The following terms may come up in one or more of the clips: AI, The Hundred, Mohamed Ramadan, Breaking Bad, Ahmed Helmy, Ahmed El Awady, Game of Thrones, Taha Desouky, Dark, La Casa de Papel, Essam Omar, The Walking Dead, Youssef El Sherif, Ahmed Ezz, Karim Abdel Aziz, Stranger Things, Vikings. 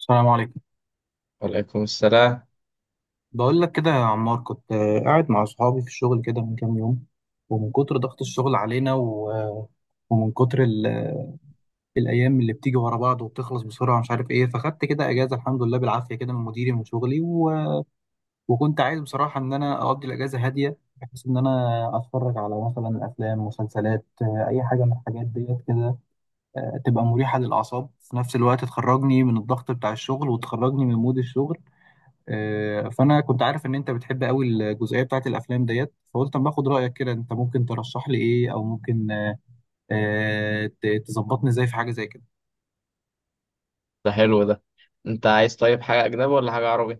السلام عليكم. وعليكم السلام. بقول لك كده يا عمار، كنت قاعد مع صحابي في الشغل كده من كام يوم. ومن كتر ضغط الشغل علينا ومن كتر ال- آه، الأيام اللي بتيجي ورا بعض وبتخلص بسرعة، مش عارف إيه، فخدت كده أجازة الحمد لله بالعافية كده من مديري من شغلي. وكنت عايز بصراحة إن أنا أقضي الأجازة هادية، بحيث إن أنا أتفرج على مثلا أفلام مسلسلات، أي حاجة من الحاجات ديت كده. تبقى مريحة للأعصاب، في نفس الوقت تخرجني من الضغط بتاع الشغل وتخرجني من مود الشغل. فانا كنت عارف ان انت بتحب قوي الجزئيه بتاعت الافلام ديت، فقلت اما اخد رايك كده، انت ممكن ترشح لي ايه او ممكن تظبطني ازاي في حاجه زي كده؟ ده حلو ده. انت عايز طيب حاجة أجنبي ولا حاجة عربي؟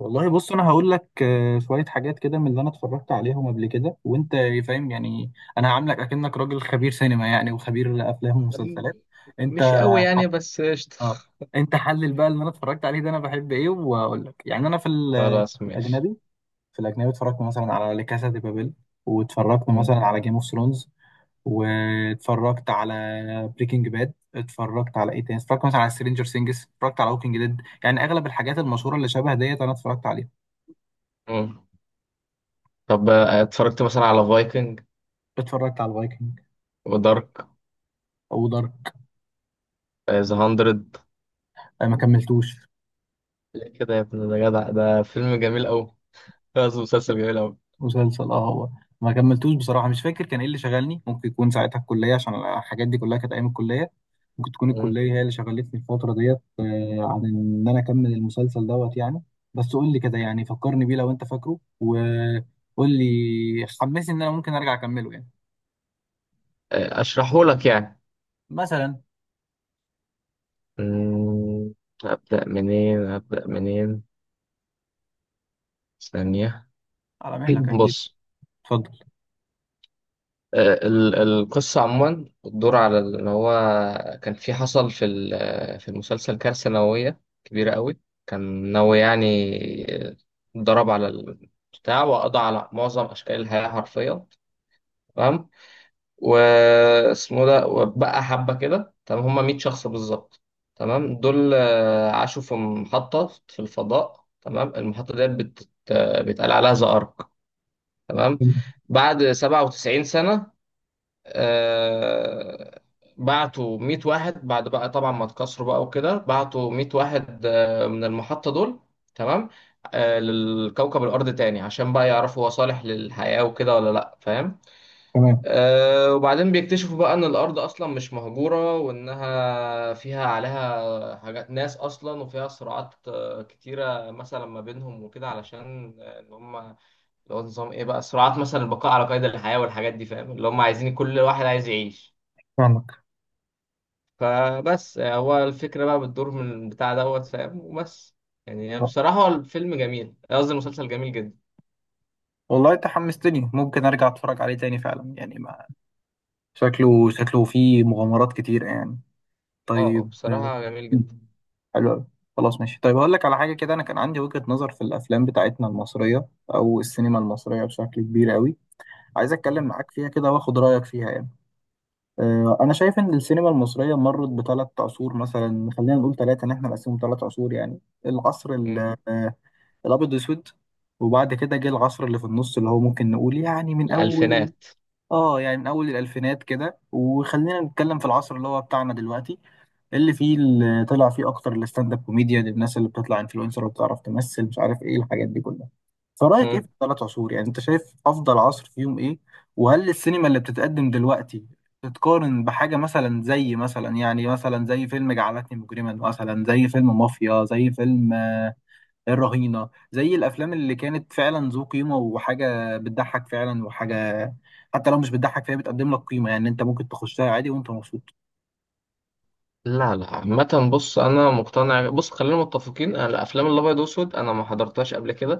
والله بص، انا هقول لك شويه حاجات كده من اللي انا اتفرجت عليهم قبل كده، وانت فاهم يعني. انا هعاملك اكنك راجل خبير سينما يعني، وخبير افلام أم- ومسلسلات انت. مش قوي يعني، بس قشطة. اه، انت حلل بقى اللي انا اتفرجت عليه ده، انا بحب ايه واقول لك يعني. انا في خلاص في ماشي. الاجنبي اتفرجت مثلا على لا كاسا دي بابيل، واتفرجت مم. مثلا على جيم اوف ثرونز، واتفرجت على بريكنج باد، اتفرجت على ايه تاني، اتفرجت مثلا على سترينجر سينجز، اتفرجت على ووكينج ديد. يعني اغلب الحاجات المشهوره اللي شبه ديت انا اتفرجت عليها. مم. طب، اتفرجت مثلا على فايكنج اتفرجت على الفايكنج، ودارك. او دارك ذا هاندرد. ما كملتوش. ليه كده يا ابن؟ ده جدع، ده فيلم جميل أوي، قصدي مسلسل جميل أوي. مسلسل، اه، هو ما كملتوش بصراحه، مش فاكر كان ايه اللي شغلني، ممكن يكون ساعتها الكليه عشان الحاجات دي كلها كانت ايام الكليه. ممكن تكون مم. الكليه هي اللي شغلتني الفتره ديت، عن ان انا اكمل المسلسل دوت يعني. بس قول لي كده يعني، فكرني بيه لو انت فاكره، وقول لي حمسني ان انا ممكن ارجع اكمله يعني. أشرحه لك يعني. مثلا. مم. أبدأ منين؟ أبدأ منين؟ ثانية. على مهلك اكيد. بص. اتفضل. آه، القصة عموما بتدور على إن هو كان في، حصل في المسلسل كارثة نووية كبيرة قوي، كان نووي يعني، ضرب على البتاع وقضى على معظم أشكال الحياة حرفيا. تمام. واسمه ده، وبقى حبة كده، تمام، هما 100 شخص بالظبط. تمام، دول عاشوا في محطة في الفضاء. تمام، المحطة ديت بيتقال عليها زئرق. تمام، بعد 97 سنة آه، بعتوا 100 واحد. بعد بقى طبعا ما اتكسروا بقى وكده، بعتوا 100 واحد من المحطة دول. تمام. للكوكب الأرض تاني، عشان بقى يعرفوا هو صالح للحياة وكده ولا لأ، فاهم؟ تمام، وبعدين بيكتشفوا بقى إن الأرض أصلا مش مهجورة، وإنها فيها، عليها حاجات ناس أصلا، وفيها صراعات كتيرة مثلا ما بينهم وكده، علشان إن هم اللي هو نظام إيه، بقى صراعات مثلا البقاء على قيد الحياة والحاجات دي، فاهم؟ اللي هم عايزين كل واحد عايز يعيش. فاهمك. فبس، هو الفكرة بقى بتدور من البتاع دوت، فاهم؟ وبس. يعني آه. بصراحة هو الفيلم جميل، قصدي المسلسل جميل جدا. والله انت حمستني، ممكن ارجع اتفرج عليه تاني فعلا يعني، ما شكله فيه مغامرات كتير يعني. اه طيب، بصراحة جميل جدا. حلو أوي. خلاص ماشي. طيب، هقول لك على حاجه كده، انا كان عندي وجهه نظر في الافلام بتاعتنا المصريه او السينما المصريه بشكل كبير قوي. عايز اتكلم مم. معاك فيها كده واخد رايك فيها يعني. انا شايف ان السينما المصريه مرت بثلاث عصور، مثلا خلينا نقول ثلاثه ان احنا نقسمهم ثلاث عصور يعني. العصر مم. آه، الابيض واسود. وبعد كده جه العصر اللي في النص، اللي هو ممكن نقول يعني من اول. الألفينات. اه، يعني من اول الالفينات كده، وخلينا نتكلم في العصر اللي هو بتاعنا دلوقتي، اللي فيه، اللي طلع فيه اكتر الستاند اب كوميديا، الناس اللي بتطلع انفلونسر وبتعرف تمثل مش عارف ايه الحاجات دي كلها. فرايك ايه في مم. الثلاث عصور يعني، انت شايف افضل عصر فيهم ايه؟ وهل السينما اللي بتتقدم دلوقتي تتقارن بحاجة، مثلا زي، مثلا يعني، مثلا زي فيلم جعلتني مجرما، مثلا زي فيلم مافيا، زي فيلم الرهينة، زي الأفلام اللي كانت فعلا ذو قيمة وحاجة بتضحك فعلا، وحاجة حتى لو مش بتضحك فهي بتقدم لك قيمة يعني، أنت ممكن تخشها عادي وأنت مبسوط. لا، لا. عامة بص أنا مقتنع، بص خلينا متفقين، أنا الأفلام الأبيض وأسود أنا ما حضرتهاش قبل كده.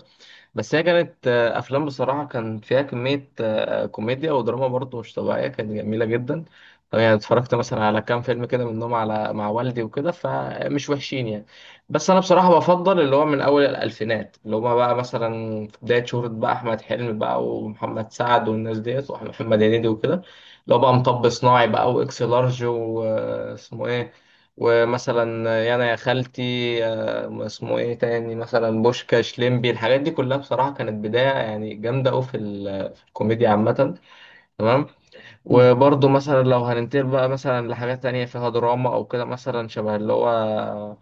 بس هي كانت افلام بصراحه كان فيها كميه كوميديا ودراما برضه مش طبيعيه، كانت جميله جدا. طبعا يعني اتفرجت مثلا على كام فيلم كده منهم، على مع والدي وكده، فمش وحشين يعني. بس انا بصراحه بفضل اللي هو من اول الالفينات، اللي هما بقى مثلا في بدايه شهره بقى احمد حلمي بقى ومحمد سعد والناس ديت ومحمد هنيدي وكده، اللي هو بقى مطب صناعي بقى واكس لارج واسمه ايه، ومثلا يانا يا خالتي، اسمه ايه تاني، مثلا بوشكاش، ليمبي، الحاجات دي كلها بصراحة كانت بداية يعني جامدة أوي في الكوميديا عامة. تمام. مم. وبرضه مثلا لو هننتقل بقى مثلا لحاجات تانية فيها دراما أو كده، مثلا شبه اللي هو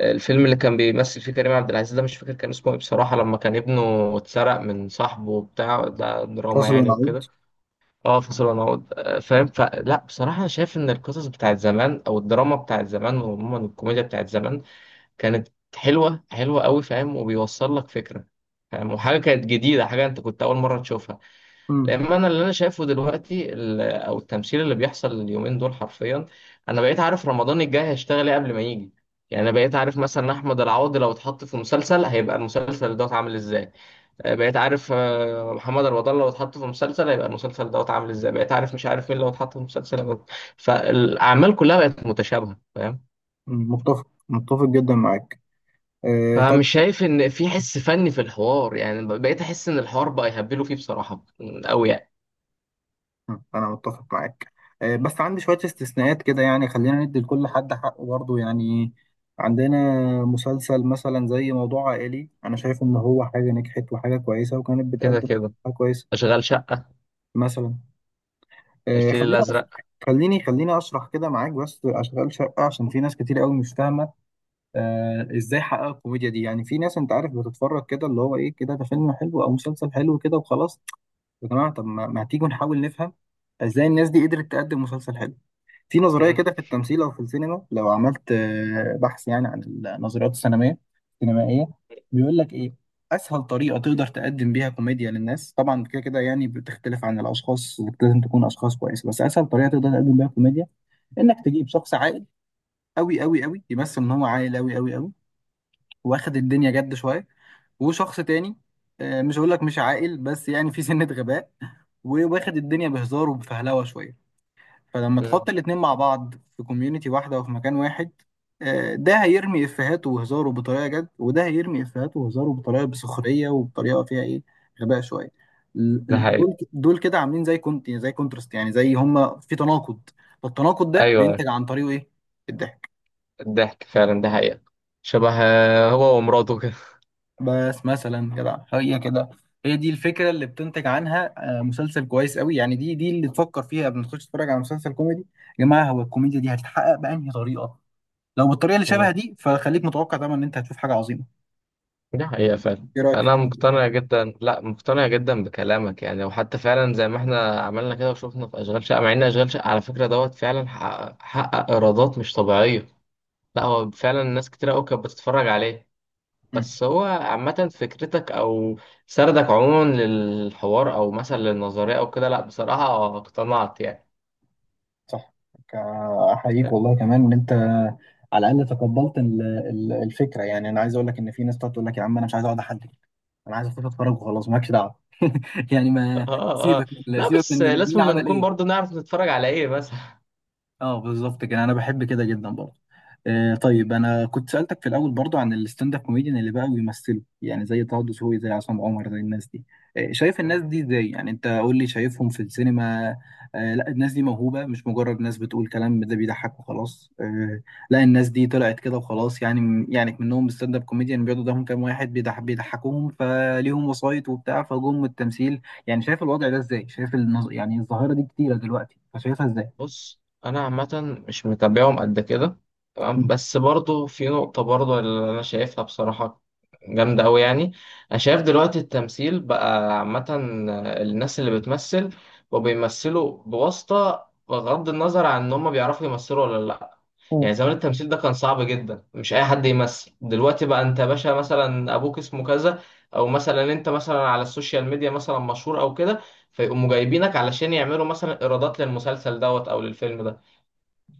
الفيلم اللي كان بيمثل فيه كريم عبد العزيز ده، مش فاكر كان اسمه ايه بصراحة، لما كان ابنه اتسرق من صاحبه وبتاع ده، دراما فاصل يعني ونعود. وكده. اه، فصل ونعود، فاهم. فلا بصراحة أنا شايف إن القصص بتاعت زمان أو الدراما بتاعت زمان وعموما الكوميديا بتاعت زمان كانت حلوه، حلوه قوي، فاهم؟ وبيوصل لك فكره، فاهم؟ وحاجه كانت جديده، حاجه انت كنت اول مره تشوفها. مم. لان انا، اللي انا شايفه دلوقتي ال- او التمثيل اللي بيحصل اليومين دول حرفيا، انا بقيت عارف رمضان الجاي هيشتغل ايه قبل ما يجي. يعني انا بقيت عارف مثلا احمد العوضي لو اتحط في مسلسل هيبقى المسلسل دوت عامل ازاي. بقيت عارف محمد رمضان لو اتحط في مسلسل هيبقى المسلسل دوت عامل ازاي. بقيت عارف مش عارف مين لو اتحط في مسلسل هيبقى-. فالاعمال كلها بقت متشابهه، فاهم. مم. متفق جدا معاك. طب. فمش شايف ان في حس فني في الحوار يعني، بقيت احس ان الحوار بقى يهبلوا فيه بصراحه قوي يعني. مم. أنا متفق معاك. بس عندي شوية استثناءات كده يعني، خلينا ندي لكل حد حقه برضه يعني. عندنا مسلسل مثلا زي موضوع عائلي، أنا شايف إن هو حاجة نجحت وحاجة كويسة وكانت كده بتقدم كده. حاجة كويسة، اشغال شقه. مثلا. آه، الفيل خلينا الازرق. خليني خليني اشرح كده معاك بس اشغال شقه، عشان في ناس كتير قوي مش فاهمه. ازاي حقق الكوميديا دي يعني، في ناس انت عارف بتتفرج كده، اللي هو ايه كده، ده فيلم حلو او مسلسل حلو كده وخلاص. يا جماعه، طب ما تيجوا نحاول نفهم ازاي الناس دي قدرت تقدم مسلسل حلو. في نظرية مم. كده في التمثيل أو في السينما، لو عملت بحث يعني عن النظريات السينمائية. بيقول لك إيه؟ أسهل طريقة تقدر تقدم بيها كوميديا للناس، طبعا كده كده يعني بتختلف عن الأشخاص، لازم تكون أشخاص كويسة، بس أسهل طريقة تقدر تقدم بيها كوميديا، إنك تجيب شخص عاقل أوي أوي أوي، يمثل إن هو عاقل أوي أوي أوي، واخد الدنيا جد شوية. وشخص تاني، مش هقول لك مش عاقل، بس يعني في سنة غباء، وواخد الدنيا بهزار وبفهلوة شوية. فلما تحط مم. الاتنين مع بعض في كوميونتي واحدة وفي مكان واحد، ده هيرمي إفيهاته وهزاره بطريقة جد، وده هيرمي إفيهاته وهزاره بطريقة بسخرية وبطريقة فيها إيه، غباء شوية. ده حقيقي. دول كده عاملين زي كونترست يعني، زي هما في تناقض. فالتناقض ده ايوه. بينتج عن طريقه إيه؟ الضحك. الضحك فعلا ده حقيقه. شبه هو ومراته كده. بس مثلا كده هي دي الفكرة اللي بتنتج عنها. مسلسل كويس قوي يعني، دي اللي تفكر فيها قبل ما تخش تتفرج على مسلسل كوميدي. يا جماعة، هو الكوميديا دي هتتحقق بأنهي طريقة؟ لو بالطريقه اللي شبه مم. دي فخليك متوقع طبعا ان انت هتشوف حاجه عظيمه. ده حقيقه فعلا. ايه رايك في انا الكلام ده؟ مقتنع جدا، لا مقتنع جدا بكلامك يعني، وحتى فعلا زي ما احنا عملنا كده وشفنا في اشغال شقه، مع ان اشغال شقه على فكره دوت فعلا حقق ايرادات مش طبيعيه. لا هو فعلا ناس كتير قوي كانت بتتفرج عليه. مم. بس هو عامة فكرتك أو سردك عموما للحوار أو مثلا للنظرية أو كده، لأ بصراحة اقتنعت يعني. صح. ك- احييك والله كمان ان انت على الاقل تقبلت الفكره يعني، انا عايز اقول لك ان في ناس تقعد تقول لك يا عم، انا مش عايز اقعد احلل، انا عايز اخش اتفرج وخلاص مالكش دعوه. يعني ما آه آه. سيبك من لا، سيبك بس من مين لازم ما عمل نكون ايه. برضو نعرف نتفرج على إيه مثلا. اه، بالظبط كده، انا بحب كده جدا برضه. طيب، انا كنت سالتك في الاول برضه عن الستاند اب كوميديان اللي بقى بيمثلوا يعني، زي طه دسوقي، زي عصام عمر، زي الناس دي. شايف الناس مم. دي ازاي يعني، انت قول لي شايفهم في السينما. لا، الناس دي موهوبه، مش مجرد ناس بتقول كلام ده بيضحك وخلاص. لا، الناس دي طلعت كده وخلاص يعني منهم ستاند اب كوميديان بيقعدوا قدامهم كام واحد بيضحكوهم، فليهم وسايط وبتاع فجم التمثيل. يعني شايف الوضع ده ازاي، شايف يعني الظاهره دي كتيره دلوقتي، فشايفها ازاي؟ بص، أنا عامة مش متابعهم قد كده. تمام، بس برضو في نقطة برضو اللي أنا شايفها بصراحة جامدة أوي يعني. أنا شايف دلوقتي التمثيل بقى عامة، الناس اللي بتمثل وبيمثلوا بواسطة، بغض النظر عن إن هما بيعرفوا يمثلوا ولا لأ. مم. يعني زمان التمثيل ده كان صعب جدا، مش اي حد يمثل. دلوقتي بقى انت يا باشا مثلا ابوك اسمه كذا، او مثلا انت مثلا على السوشيال ميديا مثلا مشهور او كده، فيقوموا جايبينك علشان يعملوا مثلا ايرادات للمسلسل دوت او للفيلم ده،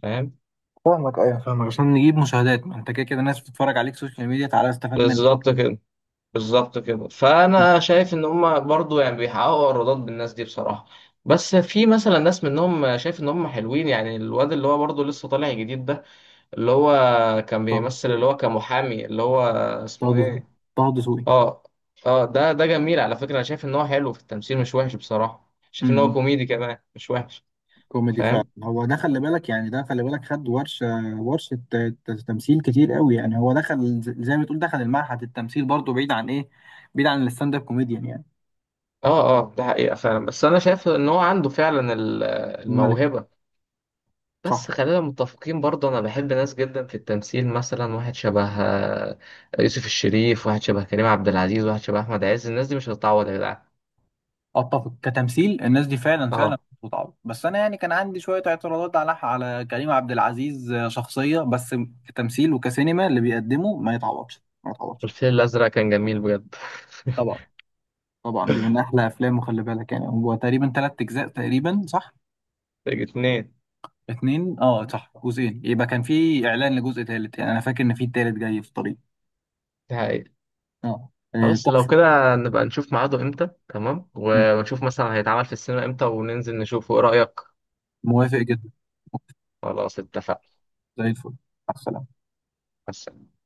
فاهم. فاهمك. ايوه فاهمك، عشان نجيب مشاهدات، ما انت كده كده ناس بتتفرج عليك سوشيال ميديا، تعالى استفاد منك. بالظبط كده. بالظبط كده. فانا شايف ان هم برضو يعني بيحققوا ايرادات بالناس دي بصراحة. بس في مثلا ناس منهم شايف ان هم حلوين يعني، الواد اللي هو برضو لسه طالع جديد ده، اللي هو كان طه بيمثل اللي هو كمحامي، اللي هو طه اسمه دسوقي، ايه. طه دسوقي. اه. اه، ده جميل على فكرة، انا شايف ان هو حلو في التمثيل مش وحش، بصراحة شايف ان هو امم كوميدي كمان مش وحش، كوميدي فعلا، فاهم. هو ده خلي بالك خد ورشه، ورشه تمثيل كتير قوي يعني. هو دخل زي ما تقول دخل المعهد التمثيل برضه، بعيد عن ايه، بعيد عن الستاند اب كوميديان يعني. اه اه، ده حقيقة فعلا، بس انا شايف ان هو عنده فعلا الملك. الموهبة. صح، بس خلينا متفقين برضه، انا بحب ناس جدا في التمثيل، مثلا واحد شبه يوسف الشريف، واحد شبه كريم عبد العزيز، واحد شبه احمد عز، الناس دي مش هتتعوض يا جدعان. اتفق. كتمثيل الناس دي فعلا فعلا اه، بتتعب، بس انا يعني كان عندي شويه اعتراضات على كريم عبد العزيز شخصيه بس. كتمثيل وكسينما اللي بيقدمه ما يتعوضش، ما يتعوضش. الفيل الازرق كان جميل بجد. طبعا. طبعا دي من احلى افلامه، خلي بالك. يعني هو تقريبا ثلاث اجزاء تقريبا، صح؟ الاتنين. اتنين، اه صح، جزئين. يبقى كان في اعلان لجزء ثالث يعني، انا فاكر ان في ثالث جاي في الطريق. ده حقيقة. اه. خلاص لو تحفه. كده نبقى نشوف ميعاده امتى، تمام، مم. ونشوف مثلا هيتعمل في السينما امتى وننزل نشوفه، ايه رأيك؟ موافق جدا. خلاص اتفقنا. زي الفل. مع السلامة. بس